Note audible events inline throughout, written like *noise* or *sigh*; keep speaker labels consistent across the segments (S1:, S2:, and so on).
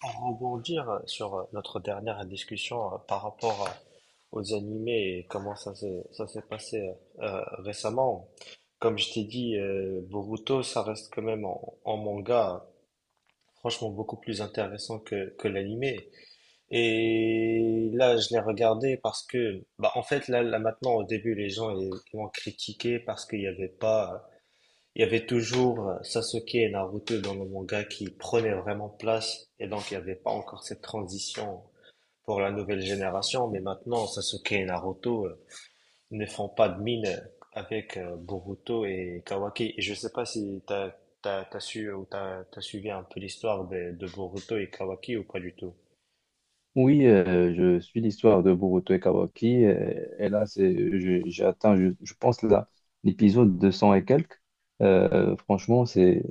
S1: Pour rebondir sur notre dernière discussion par rapport aux animés et comment ça s'est passé récemment, comme je t'ai dit, Boruto, ça reste quand même en manga franchement beaucoup plus intéressant que l'animé. Et là, je l'ai regardé parce que, bah, en fait, là maintenant, au début, les gens ils m'ont critiqué parce qu'il n'y avait pas il y avait toujours Sasuke et Naruto dans le manga qui prenaient vraiment place et donc il n'y avait pas encore cette transition pour la nouvelle génération, mais maintenant Sasuke et Naruto ne font pas de mine avec Boruto et Kawaki. Et je sais pas si t'as su ou t'as suivi un peu l'histoire de Boruto et Kawaki ou pas du tout.
S2: Oui, je suis l'histoire de Boruto et Kawaki. Et, là, j'ai atteint, je pense, là, l'épisode 200 et quelques. Franchement,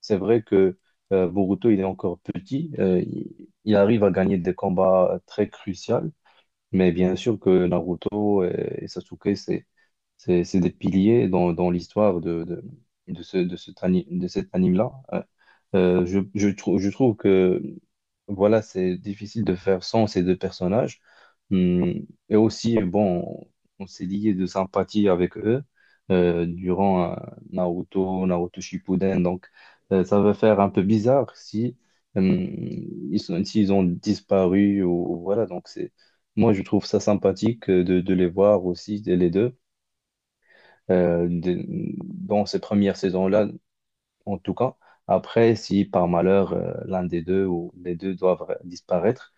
S2: c'est vrai que Boruto, il est encore petit. Il arrive à gagner des combats très cruciaux. Mais bien sûr que Naruto et Sasuke, c'est des piliers dans l'histoire de cet anime-là. Je trouve que voilà, c'est difficile de faire sans ces deux personnages. Hum. Et aussi, bon, on s'est lié de sympathie avec eux durant Naruto Shippuden. Donc, ça va faire un peu bizarre si, hum, s'ils ont disparu, ou voilà. Donc, c'est moi, je trouve ça sympathique de les voir aussi les deux, euh, de- dans ces premières saisons-là, en tout cas. Après, si par malheur, l'un des deux ou les deux doivent disparaître,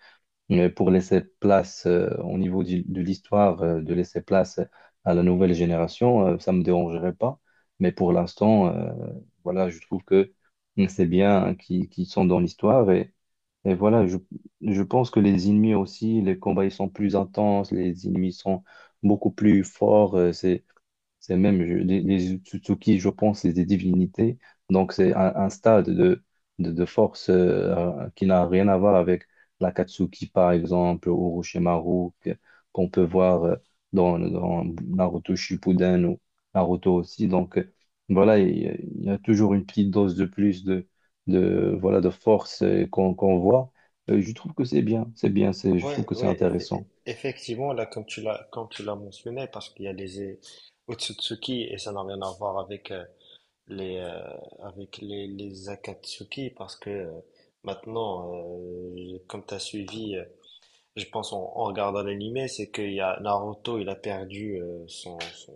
S2: mais pour laisser place, au niveau de l'histoire, de laisser place à la nouvelle génération, ça me dérangerait pas. Mais pour l'instant, voilà, je trouve que c'est bien qu'ils sont dans l'histoire. Et voilà, je pense que les ennemis aussi, les combats, ils sont plus intenses, les ennemis sont beaucoup plus forts. C'est même les Utsutsuki, je pense, c'est des divinités. Donc, c'est un stade de force qui n'a rien à voir avec l'Akatsuki, par exemple, ou Orochimaru, qu'on peut voir dans Naruto Shippuden ou Naruto aussi. Donc, voilà, il y a toujours une petite dose de plus voilà, de force, qu'on voit. Je trouve que c'est bien, je trouve
S1: Ouais,
S2: que c'est
S1: ouais,
S2: intéressant.
S1: effectivement, là, comme tu l'as mentionné, parce qu'il y a les Otsutsuki et ça n'a rien à voir avec les avec les Akatsuki parce que maintenant comme t'as suivi je pense en regardant l'anime c'est qu'il y a Naruto il a perdu son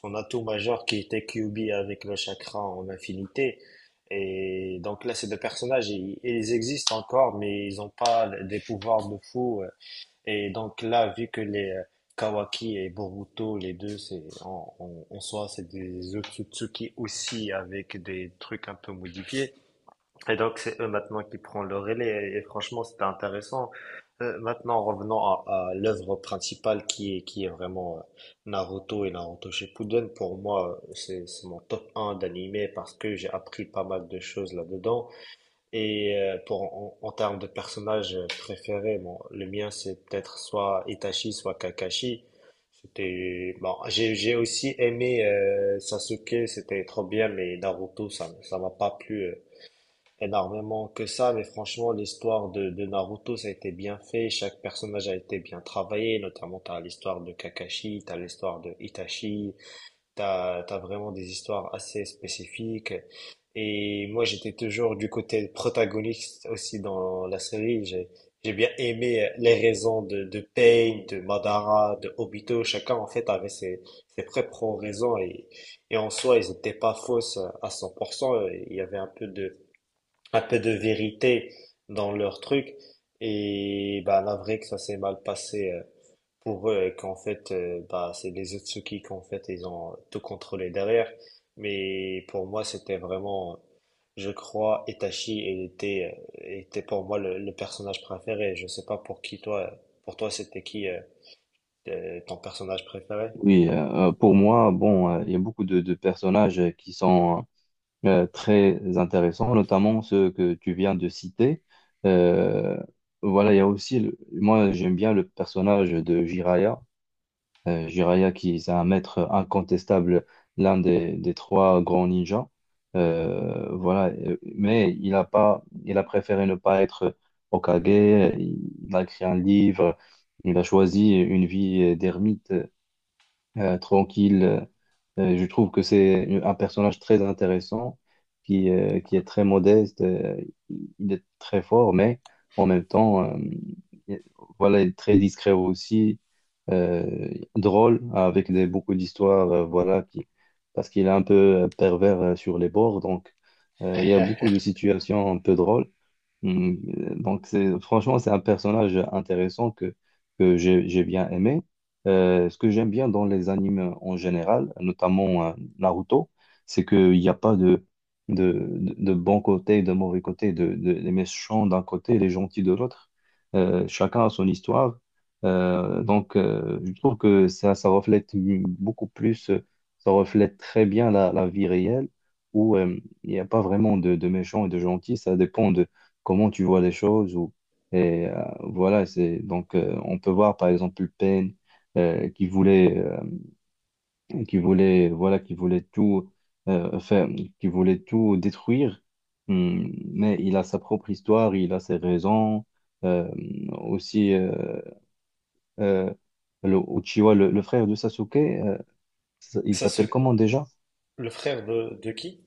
S1: son atout majeur qui était Kyuubi avec le chakra en infinité et donc là ces deux personnages ils existent encore mais ils n'ont pas des pouvoirs de fou et donc là, vu que les Kawaki et Boruto, les deux, c'est en soi, c'est des Otsutsuki aussi avec des trucs un peu modifiés. Et donc c'est eux maintenant qui prennent le relais. Et franchement, c'était intéressant. Maintenant, revenons à l'œuvre principale qui est vraiment Naruto et Naruto Shippuden. Pour moi, c'est mon top un d'animé parce que j'ai appris pas mal de choses là-dedans. Et pour en termes de personnages préférés, bon, le mien c'est peut-être soit Itachi, soit Kakashi. C'était bon, j'ai aussi aimé Sasuke, c'était trop bien, mais Naruto ça m'a pas plu énormément que ça. Mais franchement, l'histoire de Naruto ça a été bien fait, chaque personnage a été bien travaillé. Notamment t'as l'histoire de Kakashi, t'as l'histoire de Itachi, t'as vraiment des histoires assez spécifiques. Et moi, j'étais toujours du côté protagoniste aussi dans la série. J'ai bien aimé les raisons de Pain, de Madara, de Obito. Chacun, en fait, avait ses propres raisons. Et en soi, ils n'étaient pas fausses à 100%. Il y avait un peu de vérité dans leur truc. Et bah, la vraie que ça s'est mal passé pour eux et qu'en fait, bah, c'est les Otsukis qu'en fait, ils ont tout contrôlé derrière. Mais pour moi, c'était vraiment, je crois, Itachi était, était pour moi le personnage préféré. Je sais pas pour qui toi, pour toi, c'était qui ton personnage préféré?
S2: Oui, pour moi, bon, il y a beaucoup de personnages qui sont très intéressants, notamment ceux que tu viens de citer. Euh, voilà, il y a aussi, moi, j'aime bien le personnage de Jiraiya. Jiraiya qui est un maître incontestable, l'un des trois grands ninjas. Voilà, mais il a préféré ne pas être Hokage. Il a écrit un livre. Il a choisi une vie d'ermite tranquille. Je trouve que c'est un personnage très intéressant, qui est très modeste, il est très fort, mais en même temps, il- voilà, il est très discret aussi, euh, drôle, avec beaucoup d'histoires, parce qu'il est un peu pervers sur les bords, donc il y a beaucoup
S1: *laughs*
S2: de situations un peu drôles. Mm. Donc, franchement, c'est un personnage intéressant que j'ai bien aimé. Ce que j'aime bien dans les animes en général, notamment Naruto, c'est qu'il n'y a pas de bon côté, de mauvais côté, les méchants d'un côté, les gentils de l'autre. Chacun a son histoire. Je trouve que ça reflète beaucoup plus, ça reflète très bien la vie réelle où il n'y a pas vraiment de méchants et de gentils. Ça dépend de comment tu vois les choses ou et voilà. C'est donc, on peut voir par exemple Payne, qui voulait qui voulait tout faire, qui voulait tout détruire. Hmm, mais il a sa propre histoire, il a ses raisons. Euh, aussi euh, le Uchiwa, le frère de Sasuke, il s'appelle
S1: Sasuke,
S2: comment déjà?
S1: le frère de qui?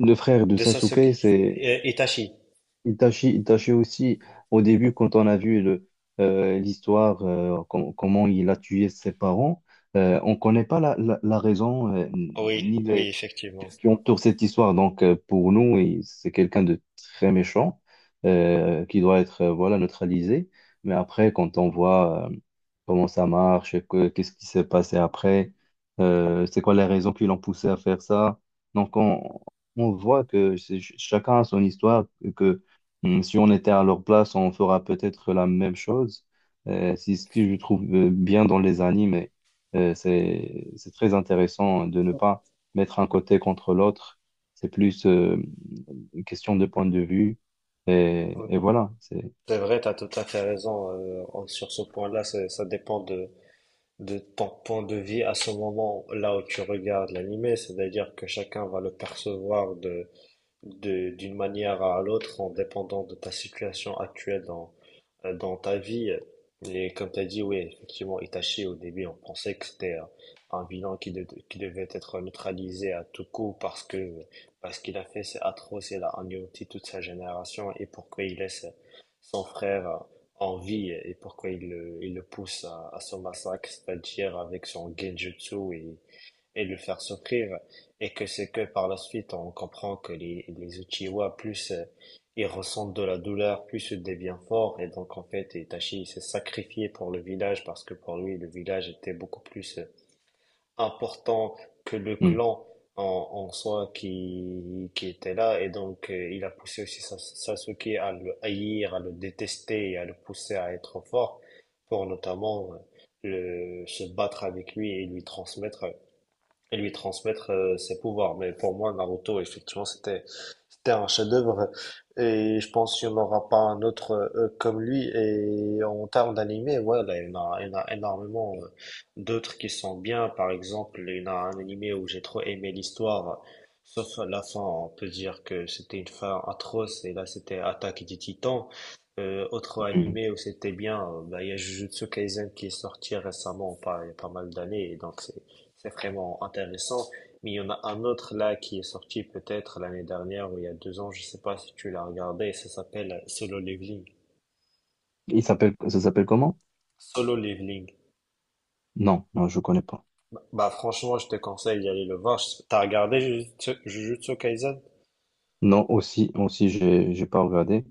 S2: Le frère de
S1: De Sasuke.
S2: Sasuke c'est...
S1: Itachi.
S2: Il tâchait aussi, au début, quand on a vu l'histoire, comment il a tué ses parents, on ne connaît pas la raison,
S1: Oui,
S2: ni
S1: oui,
S2: les
S1: effectivement.
S2: qui entourent cette histoire. Donc, pour nous, c'est quelqu'un de très méchant, qui doit être, voilà, neutralisé. Mais après, quand on voit, comment ça marche, qu'est-ce qui s'est passé après, c'est quoi les raisons qui l'ont poussé à faire ça. Donc, on voit que chacun a son histoire. Hmm. Si on était à leur place, on fera peut-être la même chose. C'est ce que je trouve bien dans les animes. C'est très intéressant de ne pas mettre un côté contre l'autre. C'est plus une question de point de vue. Et voilà.
S1: C'est vrai, tu as tout à fait raison sur ce point-là. Ça dépend de ton point de vue à ce moment-là où tu regardes l'animé, c'est-à-dire que chacun va le percevoir d'une manière à l'autre en dépendant de ta situation actuelle dans ta vie. Et comme tu as dit, oui, effectivement, Itachi, au début, on pensait que c'était un vilain qui devait être neutralisé à tout coup parce qu'il a fait, c'est atroce, il a anéanti toute sa génération et pourquoi il laisse son frère en vie et pourquoi il le pousse à son massacre, c'est-à-dire avec son genjutsu et de le faire souffrir. Et que c'est que par la suite, on comprend que les Uchiwa, plus ils ressentent de la douleur, plus ils deviennent forts. Et donc, en fait, Itachi il s'est sacrifié pour le village parce que pour lui, le village était beaucoup plus important que le
S2: Hmm,
S1: clan en soi qui était là. Et donc, il a poussé aussi Sasuke à le haïr, à le détester et à le pousser à être fort pour notamment se battre avec lui et lui transmettre ses pouvoirs. Mais pour moi, Naruto, effectivement, c'était un chef-d'œuvre et je pense qu'il n'y en aura pas un autre comme lui. Et en termes d'animé, ouais, là, il y en a énormément d'autres qui sont bien. Par exemple, il y en a un animé où j'ai trop aimé l'histoire, sauf à la fin, on peut dire que c'était une fin atroce et là c'était Attaque des Titans. Autre
S2: hmm.
S1: animé où c'était bien, bah, il y a Jujutsu Kaisen qui est sorti récemment, pas, il y a pas mal d'années, et donc c'est vraiment intéressant. Mais il y en a un autre là qui est sorti peut-être l'année dernière ou il y a 2 ans, je sais pas si tu l'as regardé, ça s'appelle Solo Leveling.
S2: Il s'appelle, ça s'appelle comment?
S1: Solo Leveling.
S2: Non, non, je connais pas.
S1: Bah franchement, je te conseille d'aller le voir. Je- T'as regardé Jujutsu Kaisen?
S2: Non, aussi, aussi, j'ai pas regardé.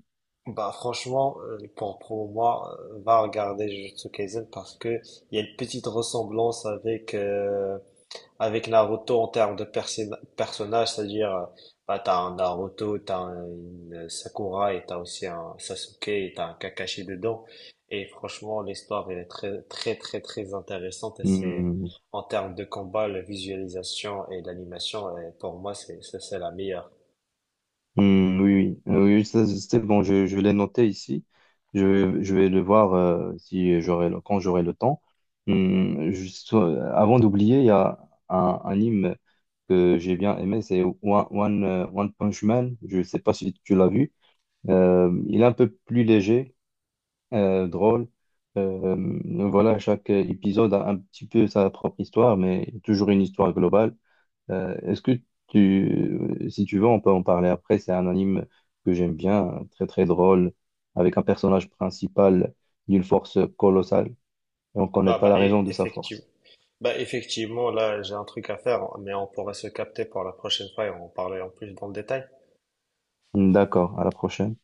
S1: Bah franchement, pour moi, va regarder Jujutsu Kaisen parce que il y a une petite ressemblance avec avec Naruto en termes de personnages, c'est-à-dire bah, t'as un Naruto, t'as un une Sakura et t'as aussi un Sasuke et t'as un Kakashi dedans. Et franchement, l'histoire elle est très très très très intéressante et c'est
S2: Hmm.
S1: en termes de combat, la visualisation et l'animation, et pour moi c'est c'est la meilleure.
S2: Hmm, oui, oui. Oui, ça, c'est bon, je l'ai noté ici. Je vais le voir si j'aurai le- quand j'aurai le temps. Hmm, juste, avant d'oublier, il y a un anime que j'ai bien aimé, c'est One Punch Man. Je ne sais pas si tu l'as vu. Il est un peu plus léger, drôle. Euh, voilà, chaque épisode a un petit peu sa propre histoire, mais toujours une histoire globale. Est-ce que tu, si tu veux, on peut en parler après. C'est un anime que j'aime bien, très très drôle, avec un personnage principal d'une force colossale et on ne connaît
S1: Bah
S2: pas
S1: bah
S2: la
S1: et
S2: raison de sa
S1: effectivement.
S2: force.
S1: Bah effectivement, là j'ai un truc à faire, mais on pourrait se capter pour la prochaine fois et en parler en plus dans le détail.
S2: D'accord, à la prochaine.